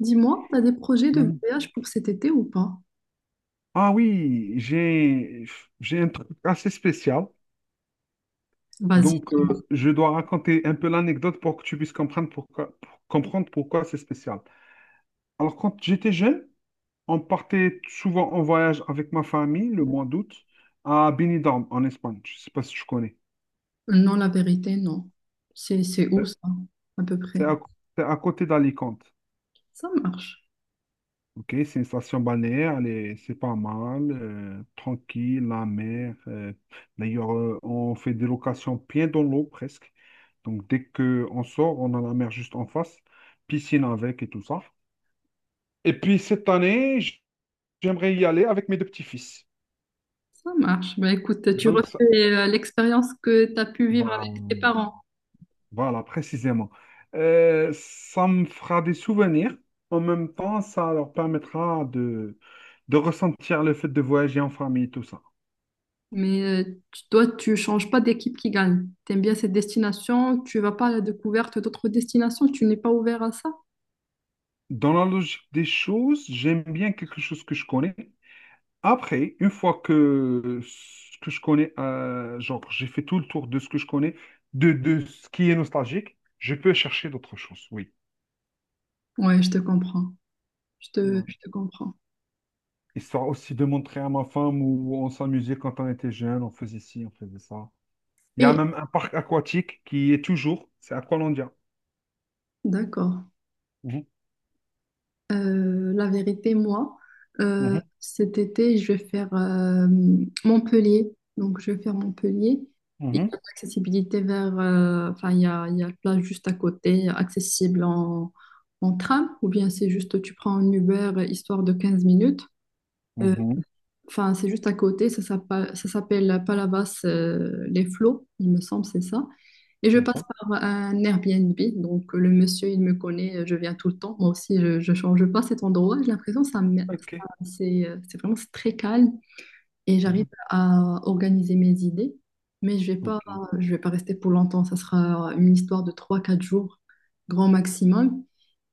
Dis-moi, t'as des projets de Hmm. voyage pour cet été ou pas? Ah oui, j'ai un truc assez spécial. Vas-y. Donc, je dois raconter un peu l'anecdote pour comprendre pourquoi c'est spécial. Alors, quand j'étais jeune, on partait souvent en voyage avec ma famille le mois d'août à Benidorm, en Espagne. Je ne sais pas si tu connais. Non, la vérité, non. C'est où ça, à peu C'est près? à, c'est à côté d'Alicante. Ça marche. Ok, c'est une station balnéaire, c'est pas mal, tranquille, la mer. D'ailleurs, on fait des locations bien dans l'eau presque. Donc, dès qu'on sort, on a la mer juste en face, piscine avec et tout ça. Et puis, cette année, j'aimerais y aller avec mes deux petits-fils. Ça marche. Bah écoute, tu refais Donc, ça- l'expérience que t'as pu vivre voilà, avec tes parents. voilà, précisément. Ça me fera des souvenirs. En même temps, ça leur permettra de ressentir le fait de voyager en famille, tout ça. Mais tu- toi, tu changes pas d'équipe qui gagne. T'aimes bien cette destination, tu vas pas à la découverte d'autres destinations, tu n'es pas ouvert à ça? Dans la logique des choses, j'aime bien quelque chose que je connais. Après, une fois que ce que je connais, genre j'ai fait tout le tour de ce que je connais, de ce qui est nostalgique, je peux chercher d'autres choses, oui. Ouais, je te comprends. Je te, Voilà. je te comprends. Histoire aussi de montrer à ma femme où on s'amusait quand on était jeune, on faisait ci, on faisait ça. Il y a Et même un parc aquatique qui est toujours, c'est Aqualandia. d'accord. Mhm, La vérité, moi, mhm, cet été, je vais faire Montpellier. Donc, je vais faire Montpellier. Il y mhm, a l'accessibilité vers... enfin, il y a la plage juste à côté, accessible en tram. Ou bien, c'est juste, tu prends un Uber, histoire de 15 minutes. Euh, mhm. Enfin, c'est juste à côté, ça s'appelle Palavas les Flots, il me semble, c'est ça. Et je passe Sympa. par un Airbnb, donc le monsieur, il me connaît, je viens tout le temps. Moi aussi, je change pas cet endroit. J'ai l'impression que ça, me- Ok. ça- c'est vraiment c'est très calme et j'arrive Mhm, à organiser mes idées. Mais ok, je vais pas rester pour longtemps. Ça sera une histoire de trois, quatre jours, grand maximum.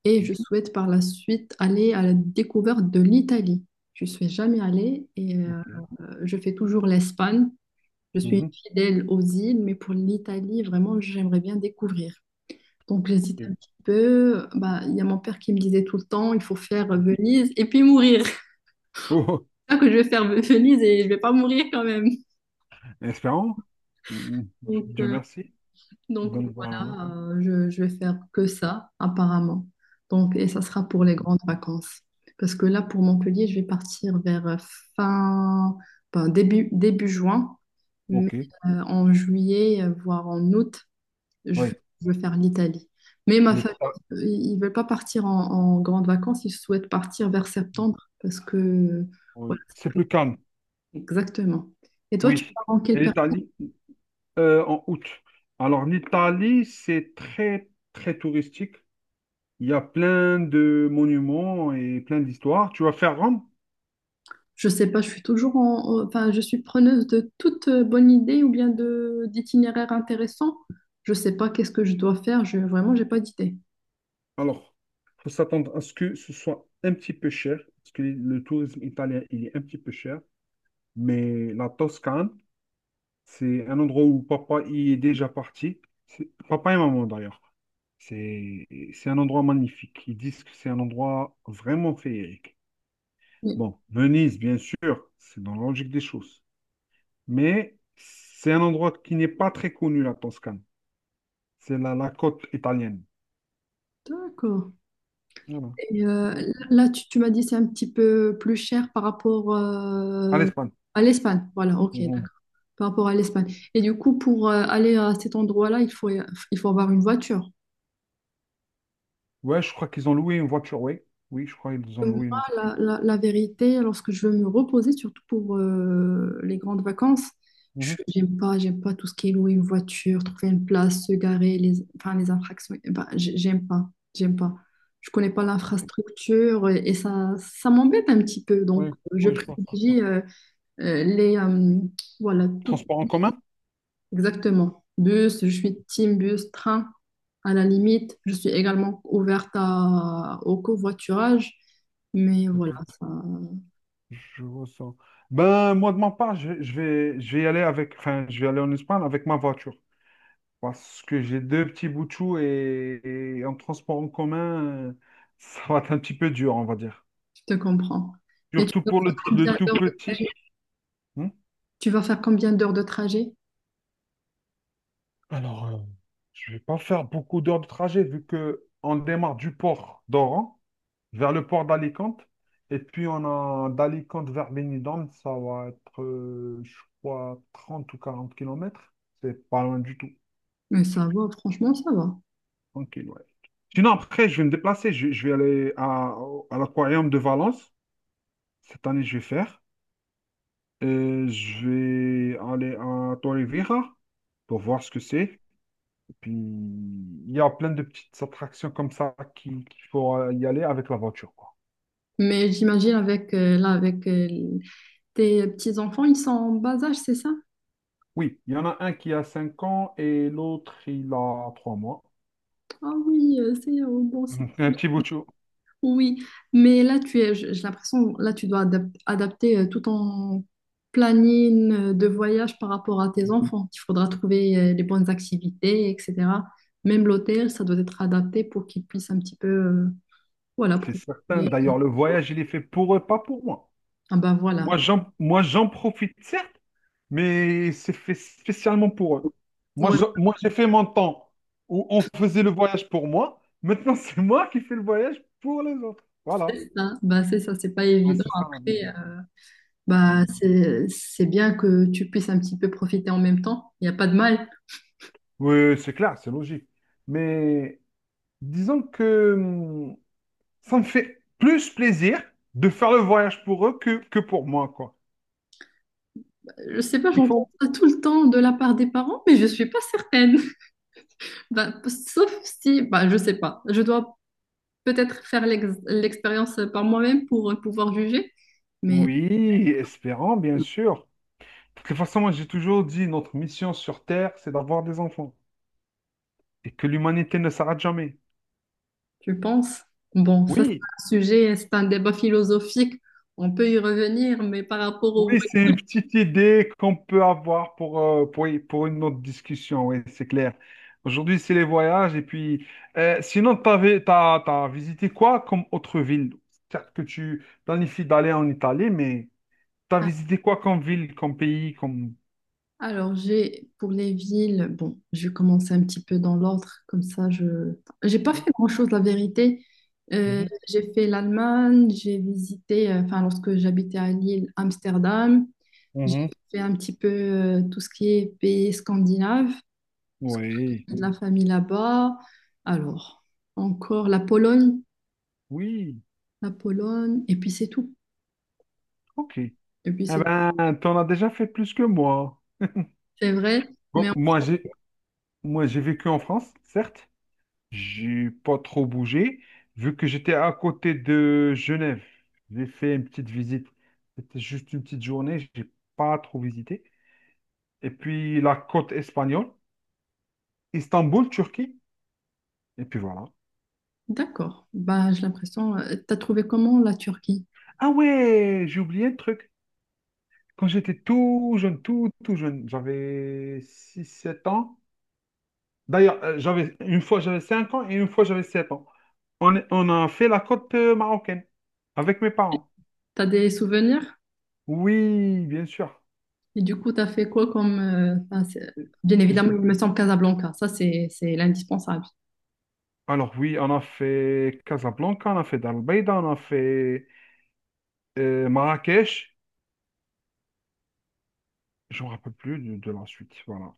Et ok, je souhaite par la suite aller à la découverte de l'Italie. Je suis jamais allée et ok. Je fais toujours l'Espagne. Je suis Mhm, fidèle aux îles, mais pour l'Italie, vraiment, j'aimerais bien découvrir. Donc, j'hésite ok. un petit peu. Bah, il y a mon père qui me disait tout le temps, il faut faire Venise et puis mourir. Oh. C'est ça que je vais faire Venise et je vais pas mourir quand même. Espérons. Mm, Donc, Dieu euh, merci. Donc Donc voilà. Hein. voilà, je vais faire que ça, apparemment. Donc, et ça sera pour les Mhm. grandes vacances. Parce que là, pour Montpellier, je vais partir vers fin, ben, début juin. Mais Ok. En juillet, voire en août, je veux, Oui. je veux faire l'Italie. Mais ma famille, L'Ita- ils ne veulent pas partir en grandes vacances, ils souhaitent partir vers septembre. Parce que, voilà, oui. c'est C'est plus- plus calme. exactement. Et toi, tu Oui. pars en Et quelle l'Italie, en août. Alors l'Italie, c'est très, très touristique. Il y a plein de monuments et plein d'histoires. Tu vas faire Rome? Je sais pas, je suis toujours en, en- enfin, je suis preneuse de toute bonne idée ou bien de d'itinéraire intéressant. Je sais pas qu'est-ce que je dois faire. Je, vraiment, j'ai pas d'idée. Alors, faut s'attendre à ce que ce soit un petit peu cher, parce que le tourisme italien, il est un petit peu cher. Mais la Toscane, c'est un endroit où papa y est déjà parti. C'est- Papa et maman d'ailleurs. C'est c'est un endroit magnifique. Ils disent que c'est un endroit vraiment féerique. Oui. Bon, Venise, bien sûr, c'est dans la logique des choses. Mais c'est un endroit qui n'est pas très connu, la Toscane. C'est la, la côte italienne. D'accord. Voilà. Et Au- là, tu m'as dit c'est un petit peu plus cher par rapport À l'Espagne. à l'Espagne. Voilà, ok, Mhm. par rapport à l'Espagne. Et du coup, pour aller à cet endroit-là, il faut avoir une voiture. Ouais, je crois qu'ils ont loué une voiture, oui. Oui, je crois qu'ils ont Donc, loué une voiture. moi, la vérité, lorsque je veux me reposer, surtout pour les grandes vacances, Mhm. J'aime pas tout ce qui est louer une voiture, trouver une place, se garer, les, enfin, les infractions. Eh ben, j'aime pas, j'aime pas. Je connais pas Ok. l'infrastructure et ça m'embête un petit peu. Donc, Oui, je oui, je vois ça. privilégie euh, les, euh, voilà, tout Transport en commun? exactement. Bus, je suis team bus, train. À la limite, je suis également ouverte à- au covoiturage, mais Ok. voilà, ça, Je ressens. Ben, moi, de ma part, je vais y aller avec, enfin, je vais aller en Espagne avec ma voiture. Parce que j'ai deux petits bouts de chou et en transport en commun, euh, ça va être un petit peu dur, on va dire. je te comprends. Mais tu Surtout vas pour faire le, combien le tout d'heures de petit. trajet? Hmm. Tu vas faire combien d'heures de trajet? Alors, je vais pas faire beaucoup d'heures de trajet vu que on démarre du port d'Oran vers le port d'Alicante. Et puis, on a d'Alicante vers Benidorm, ça va être, je crois, 30 ou 40 kilomètres. C'est pas loin du tout. Mais ça va, franchement, ça va. Tranquille, ouais. Sinon, après, je vais me déplacer. Je vais aller à l'aquarium de Valence. Cette année, je vais faire. Je vais aller à Torrevieja pour voir ce que c'est. Et puis, il y a plein de petites attractions comme ça qu'il faut y aller avec la voiture, quoi. Mais j'imagine avec là, avec tes petits-enfants, ils sont en bas âge, c'est ça? Oui, il y en a un qui a 5 ans et l'autre, il a 3 mois. Ah oui, c'est bon, c'est Un petit bout de chou. oui, mais là, tu es, j'ai l'impression, là, adapter tout ton planning de voyage par rapport à tes enfants. Il faudra trouver les bonnes activités, etc. Même l'hôtel, ça doit être adapté pour qu'ils puissent un petit peu, voilà, C'est certain. profiter. D'ailleurs, le voyage, il est fait pour eux, pas pour moi. Ah bah voilà. Moi, j'en profite, certes, mais c'est fait spécialement pour eux. Moi, Ouais, oui, moi, j'ai fait mon temps où on faisait le voyage pour moi. Maintenant, c'est moi qui fais le voyage pour les autres. Voilà. c'est ça. Bah c'est ça, c'est pas Ouais, évident. c'est ça la vie. Après, bah Ouais. C'est bien que tu puisses un petit peu profiter en même temps. Il n'y a pas de mal. Oui, c'est clair, c'est logique. Mais disons que ça me fait plus plaisir de faire le voyage pour eux que pour moi, quoi. Je sais pas, Il j'entends faut. ça tout le temps de la part des parents, mais je suis pas certaine. Ben, sauf si, ben, je sais pas. Je dois peut-être faire l'expérience par moi-même pour pouvoir juger. Mais Oui, espérant, bien sûr. De toute façon, moi, j'ai toujours dit, notre mission sur Terre, c'est d'avoir des enfants. Et que l'humanité ne s'arrête jamais. je pense, bon, ça c'est Oui, un sujet, c'est un débat philosophique. On peut y revenir, mais par rapport au oui, voyage. c'est une petite idée qu'on peut avoir pour une autre discussion, oui, c'est clair. Aujourd'hui, c'est les voyages, et puis, sinon, t'as visité quoi comme autre ville? Certes que tu planifies d'aller en Italie, mais t'as visité quoi comme ville, comme pays, comme... Alors j'ai pour les villes, bon, je vais commencer un petit peu dans l'ordre, comme ça je j'ai pas Oui. fait grand-chose la vérité. Mhm, J'ai fait l'Allemagne, j'ai visité, enfin lorsque j'habitais à Lille, Amsterdam. J'ai mhm. fait un petit peu tout ce qui est pays scandinave, Oui, de la famille là-bas. Alors, encore la Pologne, oui, et puis c'est tout. ok. Eh Et puis c'est tout. ben, t'en as déjà fait plus que moi. C'est vrai, Bon, mais en- moi, j'ai vécu en France, certes, j'ai pas trop bougé, vu que j'étais à côté de Genève. J'ai fait une petite visite. C'était juste une petite journée, j'ai pas trop visité. Et puis la côte espagnole, Istanbul, Turquie. Et puis voilà. d'accord. Bah, j'ai l'impression. T'as trouvé comment la Turquie? Ah ouais, j'ai oublié un truc. Quand j'étais tout jeune, tout, tout jeune, j'avais six sept ans. D'ailleurs, j'avais une fois j'avais 5 ans et une fois j'avais 7 ans. On a fait la côte marocaine avec mes parents. T'as des souvenirs? Oui, bien sûr. Et du coup, t'as fait quoi comme. Enfin, c'est- Bien évidemment, il me semble Casablanca. Ça, c'est l'indispensable. Alors oui, on a fait Casablanca, on a fait Dalbeida, on a fait Marrakech. Je me rappelle plus de la suite. Voilà.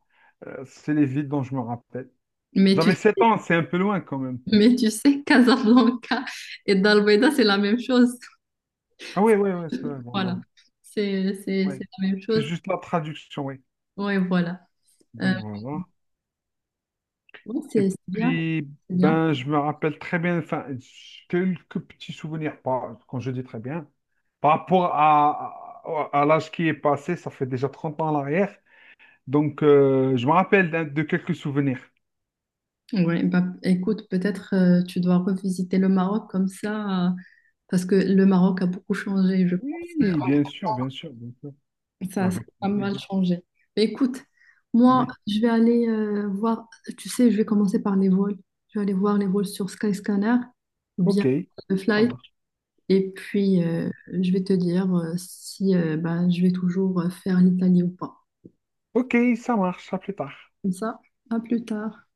C'est les villes dont je me rappelle. Mais tu, J'avais 7 ans, c'est un peu loin quand même. mais tu sais, Casablanca et Dalbeda, c'est la même chose. Ah oui, oui, oui, c'est vrai, bon, Voilà. voilà. Ouais. C'est la même C'est chose. juste la traduction, oui. Ouais, voilà. Euh, Donc voilà. ouais, Et c'est bien. puis, C'est bien. ben, je me rappelle très bien, enfin, quelques petits souvenirs, pas, quand je dis très bien, par rapport à, à l'âge qui est passé, ça fait déjà 30 ans en arrière. Donc, je me rappelle de quelques souvenirs. Ouais, bah, écoute, peut-être tu dois revisiter le Maroc comme ça, parce que le Maroc a beaucoup changé, je pense. Oui, bien sûr, bien sûr, bien sûr. Ça Avec a pas plaisir. mal changé. Mais écoute, moi, Oui. je vais aller voir, tu sais, je vais commencer par les vols. Je vais aller voir les vols sur Skyscanner ou bien Ok, le ça Flight. marche. Et puis, je vais te dire si bah, je vais toujours faire l'Italie ou pas. Ok, ça marche. À plus tard. Comme ça, à plus tard.